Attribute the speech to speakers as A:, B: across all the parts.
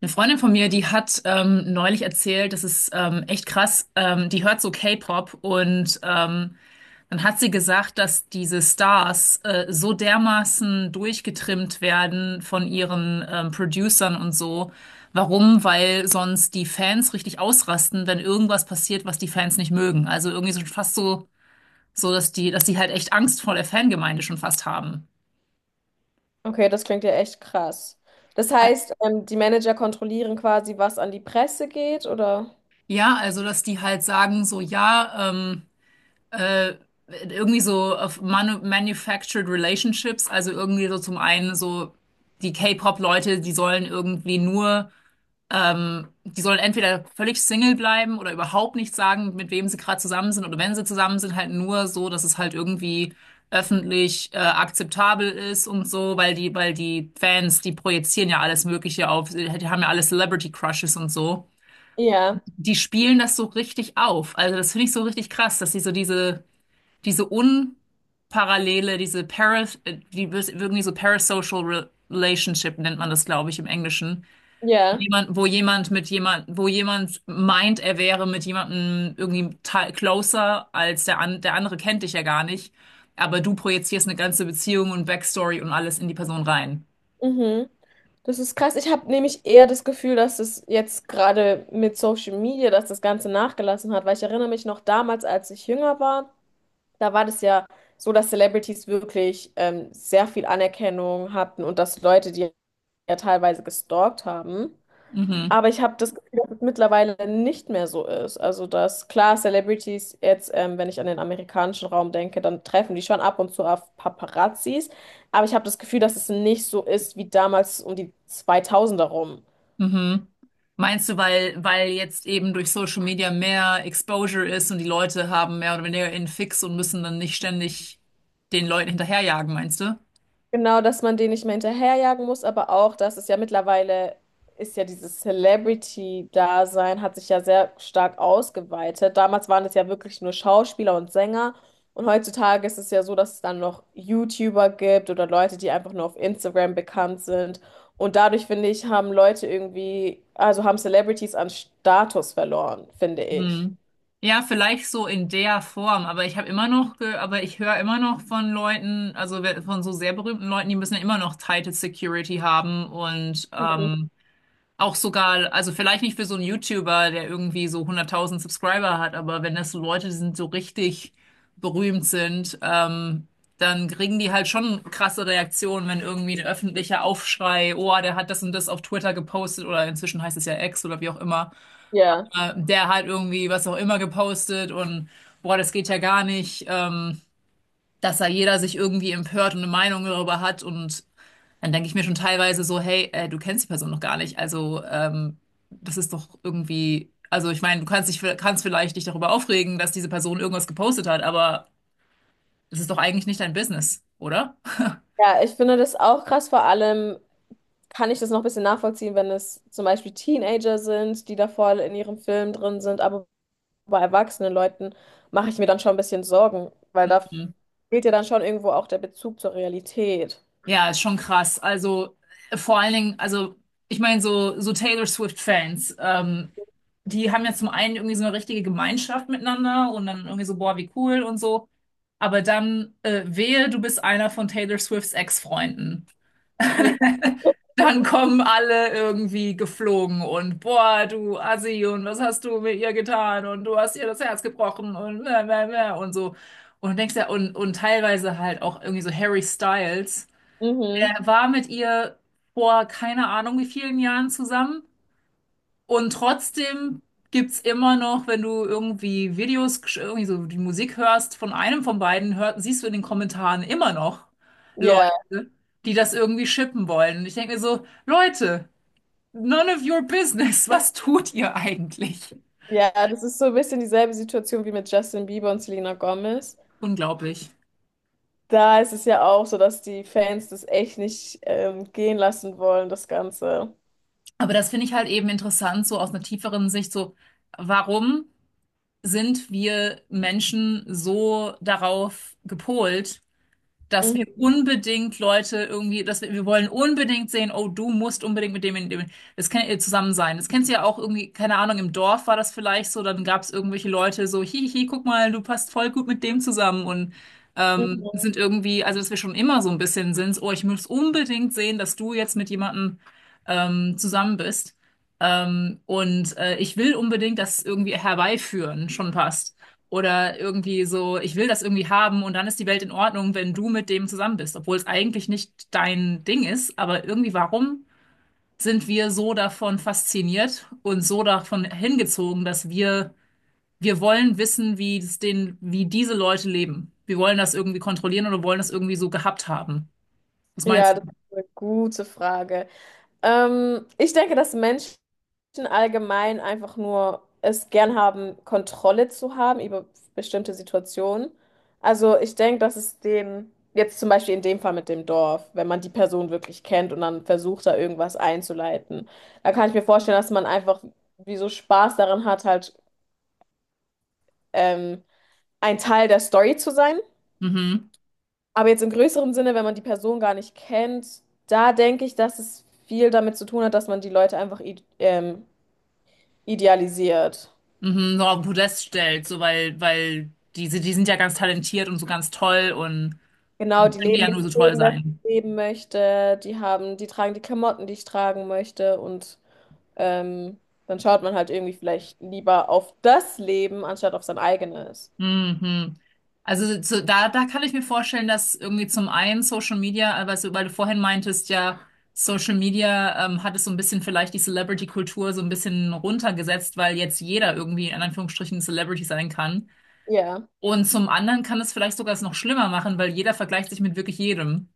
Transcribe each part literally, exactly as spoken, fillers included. A: Eine Freundin von mir, die hat ähm, neulich erzählt, das ist ähm, echt krass, ähm, die hört so K-Pop und ähm, dann hat sie gesagt, dass diese Stars äh, so dermaßen durchgetrimmt werden von ihren ähm, Producern und so. Warum? Weil sonst die Fans richtig ausrasten, wenn irgendwas passiert, was die Fans nicht mögen. Also irgendwie so fast so, so dass die, dass die halt echt Angst vor der Fangemeinde schon fast haben.
B: Okay, das klingt ja echt krass. Das heißt, ähm, die Manager kontrollieren quasi, was an die Presse geht, oder?
A: Ja, also dass die halt sagen, so ja, ähm, Äh, irgendwie so auf Manu Manufactured Relationships, also irgendwie so zum einen so die K-Pop-Leute, die sollen irgendwie nur, ähm, die sollen entweder völlig Single bleiben oder überhaupt nicht sagen, mit wem sie gerade zusammen sind oder wenn sie zusammen sind, halt nur so, dass es halt irgendwie öffentlich äh, akzeptabel ist und so, weil die, weil die Fans, die projizieren ja alles Mögliche auf, die haben ja alle Celebrity Crushes und so.
B: Ja,
A: Die spielen das so richtig auf. Also das finde ich so richtig krass, dass sie so diese diese unparallele, diese Paras, äh, die wis- irgendwie so parasocial re relationship nennt man das, glaube ich, im Englischen.
B: ja.
A: Jemand, wo jemand mit jemand, wo jemand meint, er wäre mit jemandem irgendwie te- closer als der an, der andere kennt dich ja gar nicht. Aber du projizierst eine ganze Beziehung und Backstory und alles in die Person rein.
B: Mhm. Das ist krass. Ich habe nämlich eher das Gefühl, dass es jetzt gerade mit Social Media, dass das Ganze nachgelassen hat, weil ich erinnere mich noch damals, als ich jünger war, da war das ja so, dass Celebrities wirklich ähm, sehr viel Anerkennung hatten und dass Leute die ja teilweise gestalkt haben. Aber ich habe das Gefühl, dass es mittlerweile nicht mehr so ist. Also, dass klar, Celebrities jetzt, ähm, wenn ich an den amerikanischen Raum denke, dann treffen die schon ab und zu auf Paparazzis. Aber ich habe das Gefühl, dass es nicht so ist wie damals um die zweitausender rum.
A: Mhm. Meinst du, weil, weil jetzt eben durch Social Media mehr Exposure ist und die Leute haben mehr oder weniger einen Fix und müssen dann nicht ständig den Leuten hinterherjagen, meinst du?
B: Genau, dass man den nicht mehr hinterherjagen muss, aber auch, dass es ja mittlerweile ist ja dieses Celebrity-Dasein hat sich ja sehr stark ausgeweitet. Damals waren es ja wirklich nur Schauspieler und Sänger und heutzutage ist es ja so, dass es dann noch YouTuber gibt oder Leute, die einfach nur auf Instagram bekannt sind. Und dadurch, finde ich, haben Leute irgendwie, also haben Celebrities an Status verloren, finde ich.
A: Hm. Ja, vielleicht so in der Form, aber ich habe immer noch, ge aber ich höre immer noch von Leuten, also we- von so sehr berühmten Leuten, die müssen ja immer noch tighte Security haben und
B: Mhm.
A: ähm, auch sogar, also vielleicht nicht für so einen YouTuber, der irgendwie so hunderttausend Subscriber hat, aber wenn das so Leute sind, die so richtig berühmt sind, ähm, dann kriegen die halt schon krasse Reaktionen, wenn irgendwie ein öffentlicher Aufschrei, oh, der hat das und das auf Twitter gepostet oder inzwischen heißt es ja X oder wie auch immer
B: Ja.
A: äh, der hat irgendwie was auch immer gepostet und boah, das geht ja gar nicht, ähm, dass da jeder sich irgendwie empört und eine Meinung darüber hat und dann denke ich mir schon teilweise so, hey, äh, du kennst die Person noch gar nicht, also ähm, das ist doch irgendwie, also ich meine, du kannst dich, kannst vielleicht dich darüber aufregen, dass diese Person irgendwas gepostet hat, aber es ist doch eigentlich nicht dein Business, oder?
B: Ja, ich finde das auch krass, vor allem kann ich das noch ein bisschen nachvollziehen, wenn es zum Beispiel Teenager sind, die da voll in ihrem Film drin sind, aber bei erwachsenen Leuten mache ich mir dann schon ein bisschen Sorgen, weil da
A: Mhm.
B: fehlt ja dann schon irgendwo auch der Bezug zur Realität.
A: Ja, ist schon krass. Also äh, vor allen Dingen, also ich meine so so Taylor Swift Fans. Ähm, die haben ja zum einen irgendwie so eine richtige Gemeinschaft miteinander und dann irgendwie so, boah, wie cool und so. Aber dann äh, wehe, du bist einer von Taylor Swifts Ex-Freunden.
B: Ja.
A: Dann kommen alle irgendwie geflogen und boah, du Assi und was hast du mit ihr getan und du hast ihr das Herz gebrochen und mäh, mäh, mäh und so. Und du denkst ja, und, und teilweise halt auch irgendwie so Harry Styles.
B: Mhm.
A: Er war mit ihr vor keine Ahnung wie vielen Jahren zusammen. Und trotzdem gibt's immer noch, wenn du irgendwie Videos, gesch- irgendwie so die Musik hörst von einem von beiden, hört, siehst du in den Kommentaren immer noch
B: Ja,
A: Leute, die das irgendwie shippen wollen. Und ich denke mir so, Leute, none of your business, was tut ihr eigentlich?
B: ja, das ist so ein bisschen dieselbe Situation wie mit Justin Bieber und Selena Gomez.
A: Unglaublich.
B: Da ist es ja auch so, dass die Fans das echt nicht ähm, gehen lassen wollen, das Ganze.
A: Aber das finde ich halt eben interessant, so aus einer tieferen Sicht, so, warum sind wir Menschen so darauf gepolt, dass wir
B: Mhm.
A: unbedingt Leute irgendwie, dass wir, wir wollen unbedingt sehen, oh, du musst unbedingt mit dem, mit dem, das kann ihr zusammen sein. Das kennst du ja auch irgendwie, keine Ahnung, im Dorf war das vielleicht so, dann gab es irgendwelche Leute so, hihi, guck mal, du passt voll gut mit dem zusammen und ähm,
B: Mhm.
A: sind irgendwie, also dass wir schon immer so ein bisschen sind, so, oh, ich muss unbedingt sehen, dass du jetzt mit jemandem ähm, zusammen bist. Ähm, und äh, ich will unbedingt das irgendwie herbeiführen, schon passt. Oder irgendwie so, ich will das irgendwie haben und dann ist die Welt in Ordnung, wenn du mit dem zusammen bist, obwohl es eigentlich nicht dein Ding ist. Aber irgendwie, warum sind wir so davon fasziniert und so davon hingezogen, dass wir, wir wollen wissen, wie es den, wie diese Leute leben. Wir wollen das irgendwie kontrollieren oder wollen das irgendwie so gehabt haben. Was meinst
B: Ja,
A: du?
B: das ist eine gute Frage. Ähm, ich denke, dass Menschen allgemein einfach nur es gern haben, Kontrolle zu haben über bestimmte Situationen. Also ich denke, dass es den, jetzt zum Beispiel in dem Fall mit dem Dorf, wenn man die Person wirklich kennt und dann versucht, da irgendwas einzuleiten, da kann ich mir vorstellen, dass man einfach wie so Spaß daran hat, halt, ähm, ein Teil der Story zu sein.
A: Mhm.
B: Aber jetzt im größeren Sinne, wenn man die Person gar nicht kennt, da denke ich, dass es viel damit zu tun hat, dass man die Leute einfach i- ähm, idealisiert.
A: Mhm. So auf den Podest stellt, so weil, weil diese, die sind ja ganz talentiert und so ganz toll und dann
B: Genau, die
A: können die
B: leben
A: ja
B: das
A: nur so toll
B: Leben, das ich
A: sein.
B: leben möchte, die haben, die tragen die Klamotten, die ich tragen möchte und ähm, dann schaut man halt irgendwie vielleicht lieber auf das Leben, anstatt auf sein eigenes.
A: Mhm. Also so, da, da kann ich mir vorstellen, dass irgendwie zum einen Social Media, aber so, weil du vorhin meintest, ja, Social Media ähm, hat es so ein bisschen vielleicht die Celebrity-Kultur so ein bisschen runtergesetzt, weil jetzt jeder irgendwie in Anführungsstrichen Celebrity sein kann.
B: Ja,
A: Und zum anderen kann es vielleicht sogar es noch schlimmer machen, weil jeder vergleicht sich mit wirklich jedem.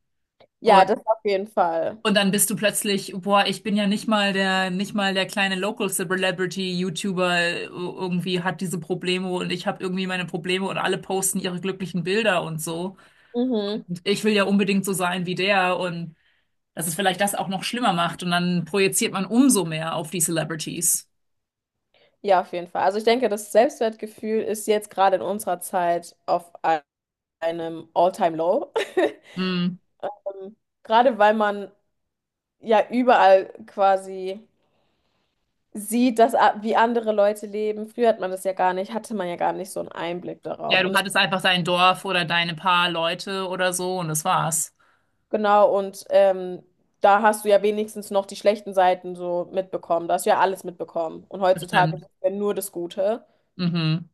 B: ja, das auf jeden Fall.
A: Und dann bist du plötzlich, boah, ich bin ja nicht mal der, nicht mal der kleine Local Celebrity YouTuber äh, irgendwie hat diese Probleme und ich habe irgendwie meine Probleme und alle posten ihre glücklichen Bilder und so.
B: Mhm.
A: Und ich will ja unbedingt so sein wie der und dass es vielleicht das auch noch schlimmer macht und dann projiziert man umso mehr auf die Celebrities.
B: Ja, auf jeden Fall. Also ich denke, das Selbstwertgefühl ist jetzt gerade in unserer Zeit auf ein- einem All-Time-Low.
A: Hm.
B: Ähm, Gerade weil man ja überall quasi sieht, dass, a- wie andere Leute leben. Früher hat man das ja gar nicht, hatte man ja gar nicht so einen Einblick
A: Ja,
B: darauf.
A: du
B: Und das,
A: hattest einfach dein Dorf oder deine paar Leute oder so und das war's.
B: genau, und ähm, da hast du ja wenigstens noch die schlechten Seiten so mitbekommen. Da hast du ja alles mitbekommen. Und heutzutage ist
A: Bestimmt.
B: ja nur das Gute,
A: Mhm.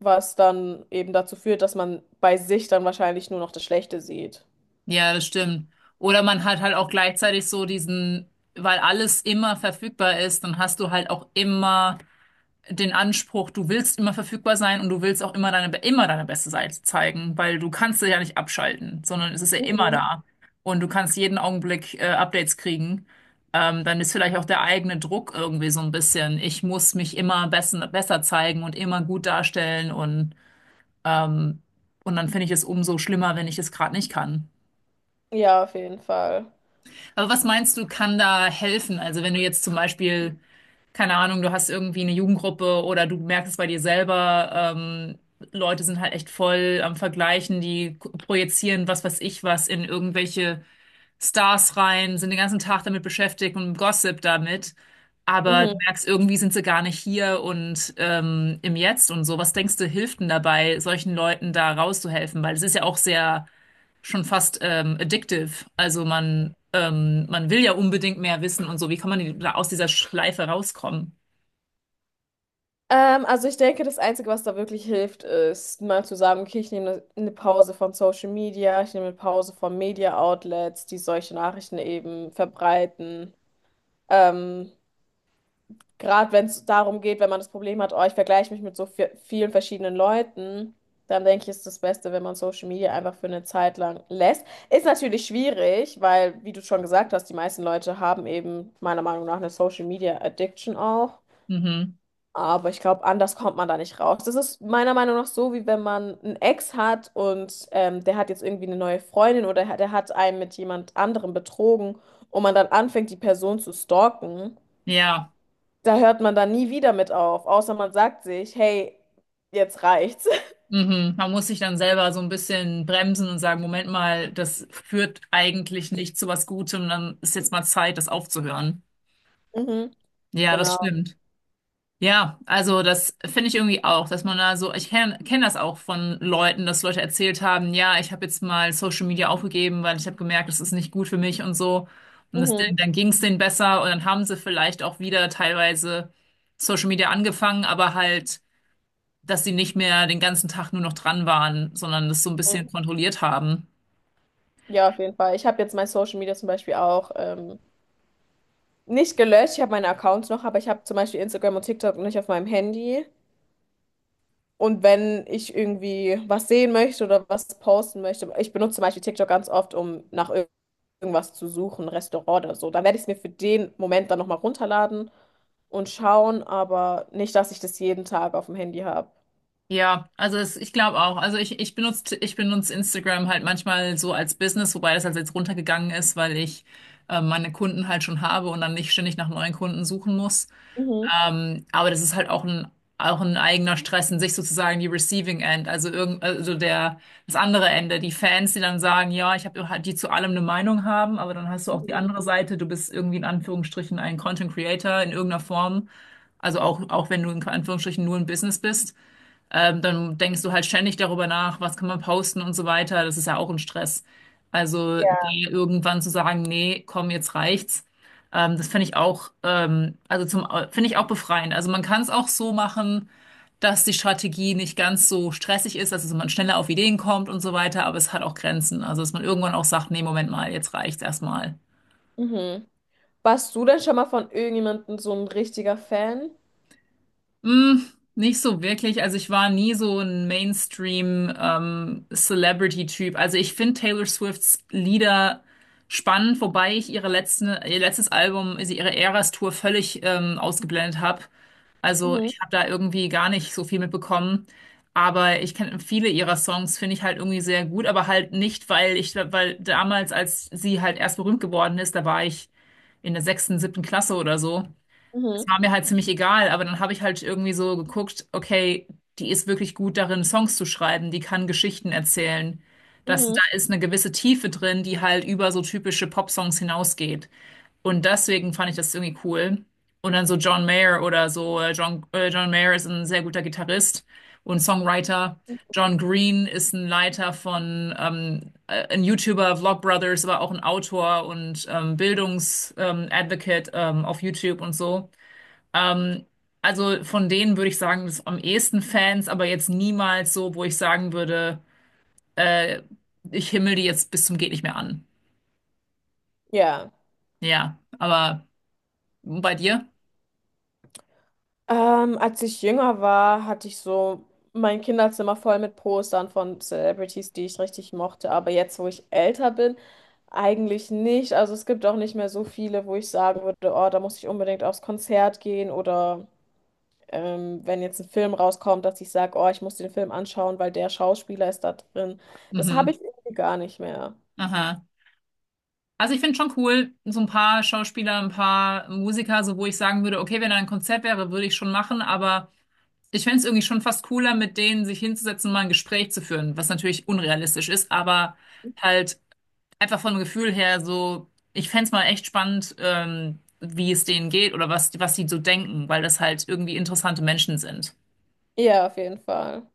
B: was dann eben dazu führt, dass man bei sich dann wahrscheinlich nur noch das Schlechte sieht.
A: Ja, das stimmt. Oder man hat halt auch gleichzeitig so diesen, weil alles immer verfügbar ist, dann hast du halt auch immer den Anspruch, du willst immer verfügbar sein und du willst auch immer deine, immer deine beste Seite zeigen, weil du kannst es ja nicht abschalten, sondern es ist ja immer
B: Mhm.
A: da. Und du kannst jeden Augenblick äh, Updates kriegen. Ähm, dann ist vielleicht auch der eigene Druck irgendwie so ein bisschen. Ich muss mich immer besser, besser zeigen und immer gut darstellen und, ähm, und dann finde ich es umso schlimmer, wenn ich es gerade nicht kann.
B: Ja, auf jeden Fall.
A: Aber was meinst du, kann da helfen? Also wenn du jetzt zum Beispiel, keine Ahnung, du hast irgendwie eine Jugendgruppe oder du merkst es bei dir selber, ähm, Leute sind halt echt voll am Vergleichen, die k- projizieren was weiß ich was in irgendwelche Stars rein, sind den ganzen Tag damit beschäftigt und Gossip damit. Aber du
B: Mhm.
A: merkst, irgendwie sind sie gar nicht hier und ähm, im Jetzt und so. Was denkst du, hilft denn dabei, solchen Leuten da rauszuhelfen? Weil es ist ja auch sehr schon fast ähm, addictive. Also man, ähm, man will ja unbedingt mehr wissen und so. Wie kann man die- da aus dieser Schleife rauskommen?
B: Ähm, also ich denke, das Einzige, was da wirklich hilft, ist mal zu sagen, okay, ich nehme eine Pause von Social Media, ich nehme eine Pause von Media Outlets, die solche Nachrichten eben verbreiten. Ähm, Gerade wenn es darum geht, wenn man das Problem hat, oh, ich vergleiche mich mit so vi- vielen verschiedenen Leuten, dann denke ich, ist das Beste, wenn man Social Media einfach für eine Zeit lang lässt. Ist natürlich schwierig, weil, wie du schon gesagt hast, die meisten Leute haben eben meiner Meinung nach eine Social Media Addiction auch.
A: Mhm.
B: Aber ich glaube, anders kommt man da nicht raus. Das ist meiner Meinung nach so, wie wenn man einen Ex hat und ähm, der hat jetzt irgendwie eine neue Freundin oder der hat einen mit jemand anderem betrogen und man dann anfängt, die Person zu stalken.
A: Ja.
B: Da hört man dann nie wieder mit auf, außer man sagt sich, hey, jetzt reicht's.
A: Mhm. Man muss sich dann selber so ein bisschen bremsen und sagen, Moment mal, das führt eigentlich nicht zu was Gutem, dann ist jetzt mal Zeit, das aufzuhören.
B: Mhm,
A: Ja, das
B: genau.
A: stimmt. Ja, also das finde ich irgendwie auch, dass man da so, ich kenne kenn kenn das auch von Leuten, dass Leute erzählt haben, ja, ich habe jetzt mal Social Media aufgegeben, weil ich habe gemerkt, das ist nicht gut für mich und so. Und das,
B: Mhm,
A: dann ging es denen besser und dann haben sie vielleicht auch wieder teilweise Social Media angefangen, aber halt, dass sie nicht mehr den ganzen Tag nur noch dran waren, sondern das so ein bisschen
B: mhm.
A: kontrolliert haben.
B: Ja, auf jeden Fall. Ich habe jetzt mein Social Media zum Beispiel auch ähm, nicht gelöscht. Ich habe meine Accounts noch, aber ich habe zum Beispiel Instagram und TikTok nicht auf meinem Handy. Und wenn ich irgendwie was sehen möchte oder was posten möchte, ich benutze zum Beispiel TikTok ganz oft, um nach ir- irgendwas zu suchen, Restaurant oder so. Dann werde ich es mir für den Moment dann nochmal runterladen und schauen, aber nicht, dass ich das jeden Tag auf dem Handy habe.
A: Ja, also es, ich glaube auch. Also ich, ich benutze, ich benutze Instagram halt manchmal so als Business, wobei das halt jetzt runtergegangen ist, weil ich äh, meine Kunden halt schon habe und dann nicht ständig nach neuen Kunden suchen muss.
B: Mhm.
A: Ähm, aber das ist halt auch ein, auch ein eigener Stress in sich sozusagen die Receiving End, also irgend, also der, das andere Ende, die Fans, die dann sagen, ja, ich habe halt, die zu allem eine Meinung haben, aber dann hast du auch die andere Seite, du bist irgendwie in Anführungsstrichen ein Content Creator in irgendeiner Form, also auch, auch wenn du in Anführungsstrichen nur ein Business bist. Ähm, dann denkst du halt ständig darüber nach, was kann man posten und so weiter. Das ist ja auch ein Stress. Also da irgendwann zu sagen, nee, komm, jetzt reicht's. Ähm, das finde ich auch, ähm, also zum, finde ich auch befreiend. Also man kann es auch so machen, dass die Strategie nicht ganz so stressig ist, also dass man schneller auf Ideen kommt und so weiter, aber es hat auch Grenzen. Also dass man irgendwann auch sagt, nee, Moment mal, jetzt reicht's erstmal.
B: Mhm. Warst du denn schon mal von irgendjemandem so ein richtiger Fan?
A: Mm, Nicht so wirklich. Also ich war nie so ein Mainstream ähm, Celebrity-Typ. Also ich finde Taylor Swifts Lieder spannend, wobei ich ihre letzten, ihr letztes Album, also ihre Eras-Tour völlig ähm, ausgeblendet habe. Also
B: Mhm.
A: ich habe da irgendwie gar nicht so viel mitbekommen. Aber ich kenne viele ihrer Songs, finde ich halt irgendwie sehr gut, aber halt nicht, weil ich, weil damals, als sie halt erst berühmt geworden ist, da war ich in der sechsten, siebten Klasse oder so, es
B: Mhm.
A: war mir halt ziemlich egal, aber dann habe ich halt irgendwie so geguckt, okay, die ist wirklich gut darin, Songs zu schreiben, die kann Geschichten erzählen. Das, da
B: Mhm.
A: ist eine gewisse Tiefe drin, die halt über so typische Popsongs hinausgeht. Und deswegen fand ich das irgendwie cool. Und dann so John Mayer oder so, äh, John, äh, John Mayer ist ein sehr guter Gitarrist und Songwriter. John Green ist ein Leiter von, ähm, äh, ein YouTuber, Vlogbrothers, aber auch ein Autor und ähm, Bildungs, ähm, Advocate ähm, auf YouTube und so. Ähm, also von denen würde ich sagen, das am ehesten Fans, aber jetzt niemals so, wo ich sagen würde, äh, ich himmel die jetzt bis zum geht nicht mehr an.
B: Ja.
A: Ja, aber bei dir?
B: Ähm, als ich jünger war, hatte ich so mein Kinderzimmer voll mit Postern von Celebrities, die ich richtig mochte. Aber jetzt, wo ich älter bin, eigentlich nicht. Also es gibt auch nicht mehr so viele, wo ich sagen würde, oh, da muss ich unbedingt aufs Konzert gehen oder ähm, wenn jetzt ein Film rauskommt, dass ich sage, oh, ich muss den Film anschauen, weil der Schauspieler ist da drin. Das habe
A: Mhm.
B: ich irgendwie gar nicht mehr.
A: Aha. Also ich finde schon cool, so ein paar Schauspieler, ein paar Musiker, so wo ich sagen würde, okay, wenn da ein Konzert wäre, würde ich schon machen, aber ich fände es irgendwie schon fast cooler, mit denen sich hinzusetzen, mal ein Gespräch zu führen, was natürlich unrealistisch ist, aber halt einfach vom Gefühl her so, ich fänd's mal echt spannend, ähm, wie es denen geht oder was, was die so denken, weil das halt irgendwie interessante Menschen sind.
B: Ja, auf jeden Fall.